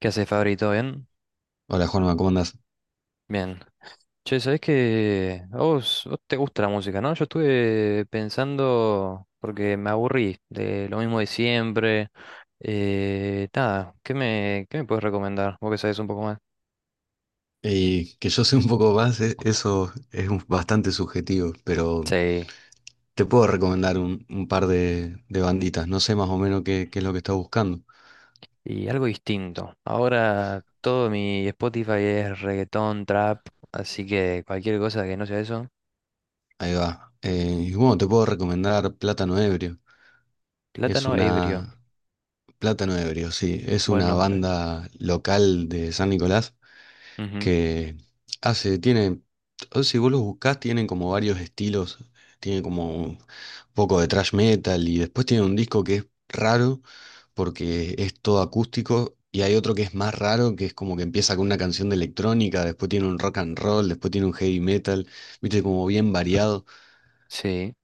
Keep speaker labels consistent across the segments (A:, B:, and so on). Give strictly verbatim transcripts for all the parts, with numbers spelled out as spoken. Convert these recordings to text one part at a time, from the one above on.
A: ¿Qué haces, Fabri? ¿Todo bien?
B: Hola Juanma, ¿cómo andás?
A: Bien. Che, ¿sabés que a vos, vos te gusta la música, no? Yo estuve pensando, porque me aburrí de lo mismo de siempre. Eh, nada, ¿qué me, qué me puedes recomendar? Vos que sabés un poco más.
B: Y que yo sé un poco más, e- eso es un- bastante subjetivo, pero
A: Sí.
B: te puedo recomendar un, un par de, de banditas, no sé más o menos qué, qué es lo que estás buscando.
A: Y algo distinto. Ahora todo mi Spotify es reggaetón, trap, así que cualquier cosa que no sea eso.
B: Ahí va. Eh, y bueno, te puedo recomendar Plátano Ebrio. Es
A: Plátano ebrio,
B: una... Plátano Ebrio, sí, es
A: buen
B: una
A: nombre.
B: banda local de San Nicolás
A: Ujú.
B: que hace, tiene, o si vos los buscás, tienen como varios estilos, tiene como un poco de thrash metal y después tiene un disco que es raro porque es todo acústico y hay otro que es más raro que es como que empieza con una canción de electrónica, después tiene un rock and roll, después tiene un heavy metal, viste, como bien variado,
A: Sí.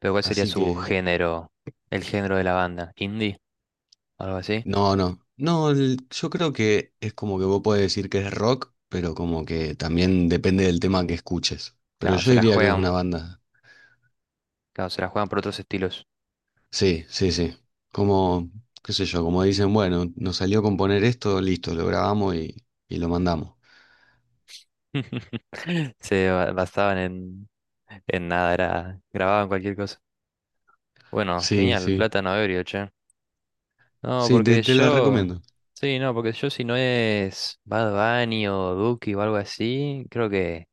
A: Pero ¿cuál sería
B: así
A: su
B: que
A: género? El género de la banda, indie, algo así.
B: no, no. No, el- yo creo que es como que vos podés decir que es rock, pero como que también depende del tema que escuches. Pero
A: Claro,
B: yo
A: se la
B: diría que es una
A: juegan,
B: banda.
A: claro, se la juegan por otros estilos.
B: Sí, sí, sí. Como, qué sé yo, como dicen, bueno, nos salió componer esto, listo, lo grabamos y, y lo mandamos.
A: Se ba- basaban en, en nada, era, grababan cualquier cosa. Bueno,
B: Sí,
A: genial,
B: sí.
A: plátano ebrio, che. No,
B: Sí, te,
A: porque
B: te la
A: yo,
B: recomiendo.
A: sí, no, porque yo si no es Bad Bunny o Duki o algo así, creo que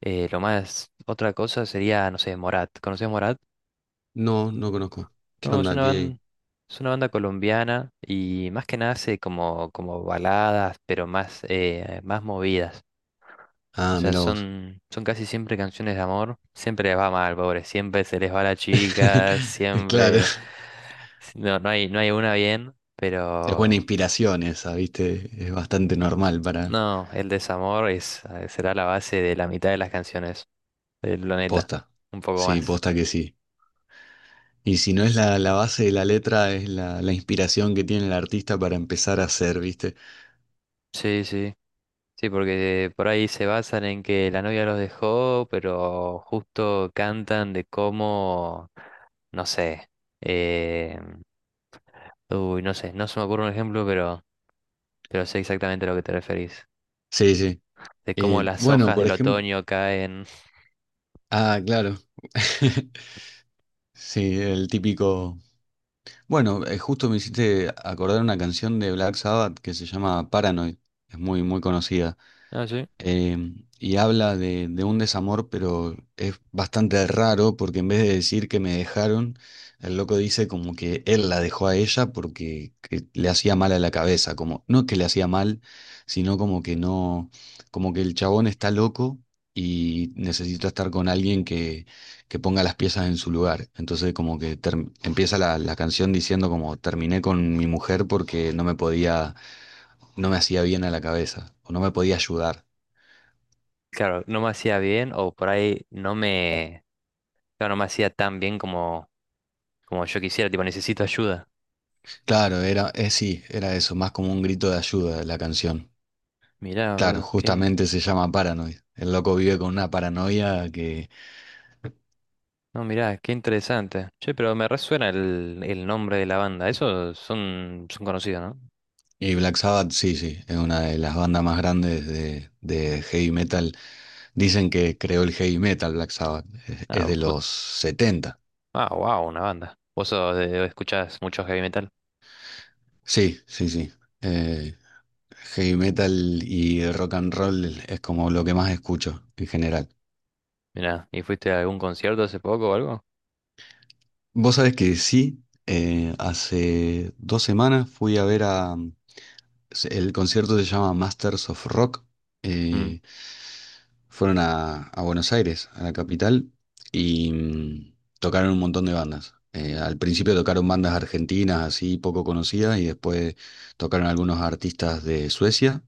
A: eh, lo más, otra cosa sería, no sé, Morat. ¿Conoces Morat?
B: No, no conozco. ¿Qué
A: No, es
B: onda?
A: una
B: ¿Qué?
A: banda, es una banda colombiana y más que nada hace como, como baladas, pero más, eh, más movidas. O
B: Ah,
A: sea,
B: mira vos.
A: son, son casi siempre canciones de amor. Siempre les va mal, pobre. Siempre se les va la chica.
B: Claro.
A: Siempre. Si no, no hay, no hay una bien,
B: Es buena
A: pero.
B: inspiración esa, ¿viste? Es bastante normal para...
A: No, el desamor es, eh, será la base de la mitad de las canciones del planeta.
B: Posta.
A: Un poco
B: Sí,
A: más.
B: posta que sí. Y si no es la, la base de la letra, es la, la inspiración que tiene el artista para empezar a hacer, ¿viste?
A: Sí, sí. Sí, porque por ahí se basan en que la novia los dejó, pero justo cantan de cómo. No sé. Eh, uy, no sé. No se me ocurre un ejemplo, pero. pero sé exactamente a lo que te referís.
B: Sí, sí.
A: De cómo
B: Eh,
A: las
B: bueno,
A: hojas
B: por
A: del
B: ejemplo...
A: otoño caen.
B: Ah, claro. Sí, el típico. Bueno, eh, justo me hiciste acordar una canción de Black Sabbath que se llama Paranoid. Es muy, muy conocida
A: Ah, sí.
B: em, y habla de, de un desamor, pero es bastante raro porque en vez de decir que me dejaron, el loco dice como que él la dejó a ella porque que le hacía mal a la cabeza, como no que le hacía mal, sino como que no, como que el chabón está loco y necesita estar con alguien que, que ponga las piezas en su lugar. Entonces como que term- empieza la, la canción diciendo como terminé con mi mujer porque no me podía, no me hacía bien a la cabeza o no me podía ayudar.
A: Claro, no me hacía bien o por ahí no me, claro, no me hacía tan bien como, como yo quisiera, tipo, necesito ayuda.
B: Claro, era, eh, sí, era eso, más como un grito de ayuda la canción.
A: Mirá,
B: Claro,
A: boludo, qué,
B: justamente se llama Paranoid. El loco vive con una paranoia que...
A: no, mirá, qué interesante. Che, pero me resuena el, el nombre de la banda, esos son, son conocidos, ¿no?
B: Y Black Sabbath, sí, sí, es una de las bandas más grandes de, de heavy metal. Dicen que creó el heavy metal Black Sabbath, es, es
A: Ah,
B: de
A: vo-
B: los setenta.
A: ah, wow, una banda. ¿Vos sos de- escuchás mucho heavy metal?
B: Sí, sí, sí. Eh, heavy metal y el rock and roll es como lo que más escucho en general.
A: Mirá, ¿y fuiste a algún concierto hace poco o algo?
B: Vos sabés que sí, eh, hace dos semanas fui a ver a, se- el concierto se llama Masters of Rock.
A: Mm.
B: eh, fueron a, a Buenos Aires, a la capital, y mm, tocaron un montón de bandas. Eh, al principio tocaron bandas argentinas así poco conocidas y después tocaron algunos artistas de Suecia.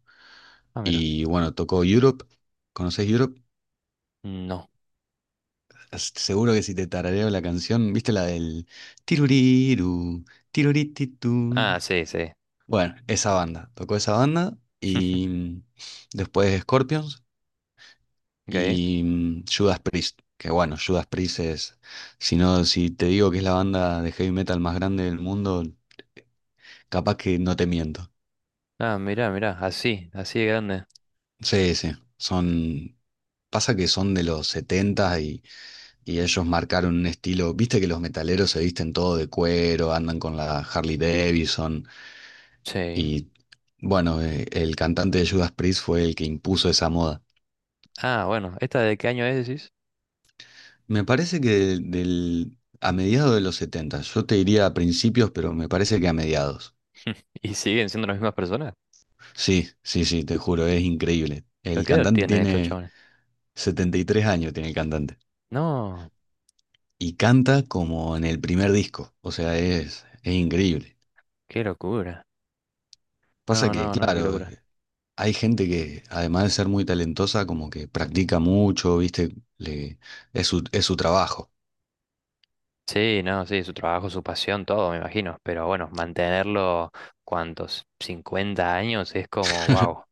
A: Ah, mira,
B: Y bueno, tocó Europe. ¿Conocés Europe?
A: no.
B: S- Seguro que si te tarareo la canción, ¿viste la del tiruriru,
A: Ah,
B: tirurititun?
A: sí, sí.
B: Bueno, esa banda. Tocó esa banda y mm, después Scorpions.
A: Ok.
B: Y mm, Judas Priest, que bueno, Judas Priest es, si no, si te digo que es la banda de heavy metal más grande del mundo, capaz que no te miento.
A: Ah, mirá, mirá, así, así de grande.
B: Sí, sí, son, pasa que son de los setenta y, y ellos marcaron un estilo, viste que los metaleros se visten todo de cuero, andan con la Harley Davidson
A: Sí.
B: y bueno, eh, el cantante de Judas Priest fue el que impuso esa moda.
A: Ah, bueno, ¿esta de qué año es, decís?
B: Me parece que del, a mediados de los setenta, yo te diría a principios, pero me parece que a mediados.
A: ¿Y siguen siendo las mismas personas?
B: Sí, sí, sí, te juro, es increíble.
A: ¿Pero
B: El
A: qué edad
B: cantante
A: tienen estos
B: tiene
A: chavales?
B: setenta y tres años, tiene el cantante.
A: No,
B: Y canta como en el primer disco, o sea, es, es increíble.
A: qué locura.
B: Pasa
A: No,
B: que,
A: no, no, qué
B: claro,
A: locura.
B: hay gente que, además de ser muy talentosa, como que practica mucho, ¿viste? Le, es su, es su trabajo.
A: Sí, no, sí, su trabajo, su pasión, todo, me imagino. Pero bueno, mantenerlo, ¿cuántos? Cincuenta años es como, wow.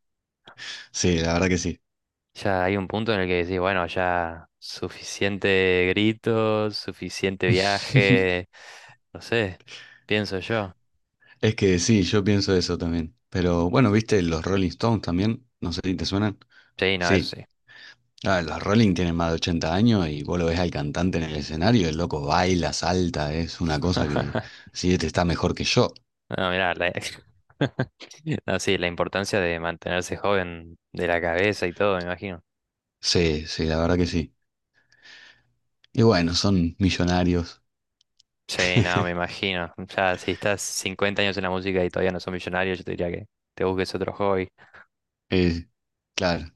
B: Sí, la verdad que sí.
A: Ya hay un punto en el que decís, bueno, ya suficiente gritos, suficiente viaje, no sé, pienso yo.
B: Es que sí, yo pienso eso también. Pero bueno, ¿viste los Rolling Stones también? No sé si te suenan.
A: Sí, no, eso
B: Sí,
A: sí.
B: ah, los Rolling tienen más de ochenta años y vos lo ves al cantante en el escenario, el loco baila, salta, es una cosa que sí, este está mejor que yo.
A: No, mirá, la... no, sí, la importancia de mantenerse joven de la cabeza y todo, me imagino.
B: Sí, sí, la verdad que sí. Y bueno, son millonarios.
A: Sí, no, me imagino. Ya, si estás cincuenta años en la música y todavía no sos millonario, yo te diría que te busques otro hobby.
B: eh, claro,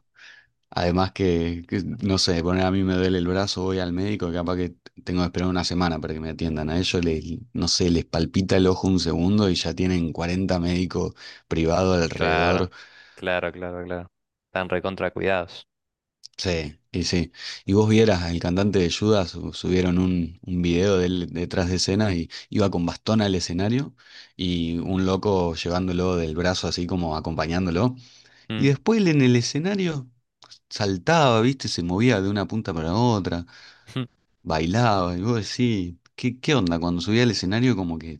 B: además que, que, no sé, poner a mí me duele el brazo, voy al médico, capaz que tengo que esperar una semana para que me atiendan. A ellos les, no sé, les palpita el ojo un segundo y ya tienen cuarenta médicos privados
A: Claro,
B: alrededor.
A: claro, claro, claro. Están recontra cuidados.
B: Sí, y sí. Y vos vieras, el cantante de Judas su- subieron un, un video de él detrás de escena y iba con bastón al escenario y un loco llevándolo del brazo así como acompañándolo. Y
A: Mm.
B: después él en el escenario saltaba, viste, se movía de una punta para otra, bailaba. Y vos decís, ¿qué, qué onda? Cuando subía al escenario como que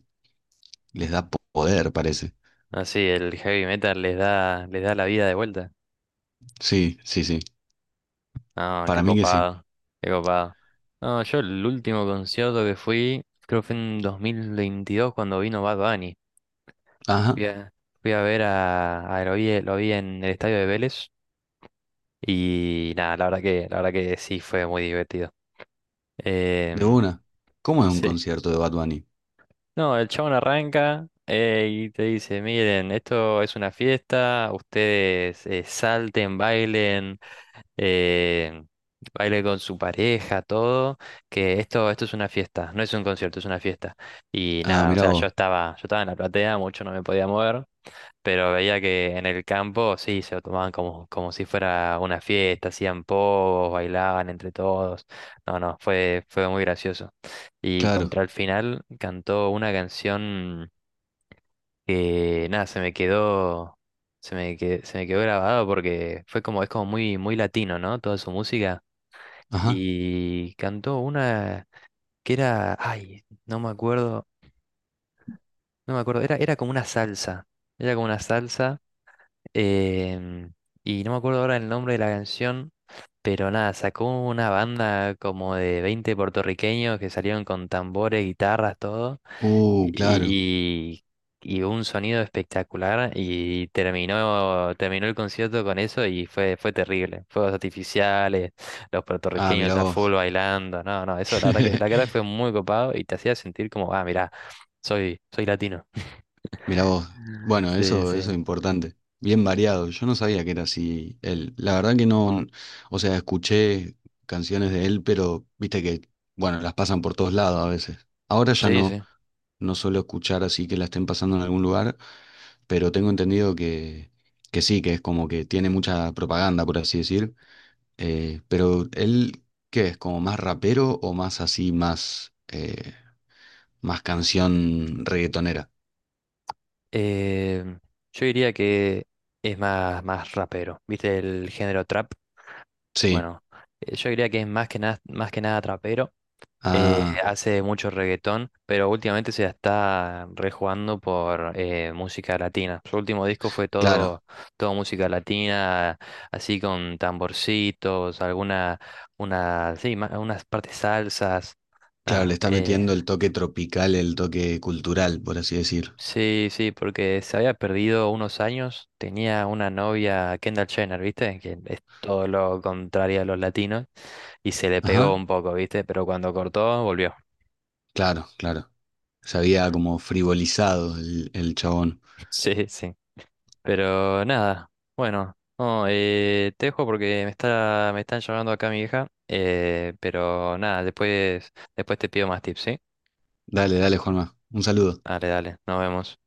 B: les da po- poder, parece.
A: Así, el heavy metal les da, les da la vida de vuelta.
B: Sí, sí, sí.
A: No, qué
B: Para mí que sí.
A: copado, qué copado. No, yo el último concierto que fui, creo que fue en dos mil veintidós cuando vino Bad Bunny.
B: Ajá,
A: Fui a, fui a ver a, a lo vi, lo vi en el estadio de Vélez y nada, la verdad que, la verdad que sí fue muy divertido.
B: de
A: Em,
B: una. ¿Cómo es un
A: sí.
B: concierto de Bad Bunny?
A: No, el chabón arranca eh, y te dice, miren, esto es una fiesta, ustedes eh, salten, bailen, eh, baile con su pareja, todo, que esto, esto es una fiesta, no es un concierto, es una fiesta. Y
B: Ah,
A: nada, o
B: mirá
A: sea, yo
B: vos.
A: estaba, yo estaba en la platea, mucho no me podía mover, pero veía que en el campo sí, se lo tomaban como, como si fuera una fiesta, hacían pogos, bailaban entre todos. No, no, fue, fue muy gracioso. Y
B: Claro.
A: contra el final cantó una canción que nada, se me quedó, se me que- se me quedó grabado porque fue como, es como muy, muy latino, ¿no? Toda su música.
B: Ajá.
A: Y cantó una que era, ay, no me acuerdo, no me acuerdo, era, era como una salsa. Era como una salsa. Em, y no me acuerdo ahora el nombre de la canción, pero nada, sacó una banda como de veinte puertorriqueños que salieron con tambores, guitarras, todo,
B: Uh, claro.
A: y, y- y un sonido espectacular, y terminó, terminó el concierto con eso y fue, fue terrible. Fuegos artificiales, los
B: Ah,
A: puertorriqueños
B: mira
A: a full
B: vos.
A: bailando, no, no, eso, la verdad que la verdad fue muy copado y te hacía sentir como, ah, mirá, soy, soy latino.
B: Mira vos. Bueno,
A: Sí,
B: eso, eso es
A: sí.
B: importante. Bien variado. Yo no sabía que era así él. La verdad que no, o sea, escuché canciones de él, pero viste que, bueno, las pasan por todos lados a veces. Ahora ya
A: Sí,
B: no,
A: sí.
B: no suelo escuchar así que la estén pasando en algún lugar, pero tengo entendido que, que sí, que es como que tiene mucha propaganda, por así decir. Eh, pero él, ¿qué es? ¿Como más rapero o más así, más... eh, más canción reggaetonera?
A: Eh, yo diría que es más, más rapero. ¿Viste el género trap?
B: Sí,
A: Bueno, eh, yo diría que es más que nada, más que nada trapero. Eh,
B: ah,
A: hace mucho reggaetón, pero últimamente se la está rejugando por eh, música latina. Su último disco fue
B: claro,
A: todo, todo música latina, así con tamborcitos, alguna, una, sí, ma- unas partes salsas.
B: claro, le
A: Nada,
B: está
A: eh,
B: metiendo el toque tropical, el toque cultural, por así decir.
A: Sí, sí, porque se había perdido unos años, tenía una novia, Kendall Jenner, ¿viste? Que es todo lo contrario a los latinos, y se le pegó
B: Ajá,
A: un poco, ¿viste? Pero cuando cortó, volvió.
B: claro, claro. Se había como frivolizado el, el chabón.
A: Sí, sí. Pero nada, bueno, no, eh, te dejo porque me está, me están llamando acá mi hija, eh, pero nada, después, después te pido más tips, ¿sí?
B: Dale, dale, Juanma, un saludo.
A: Dale, dale, nos vemos.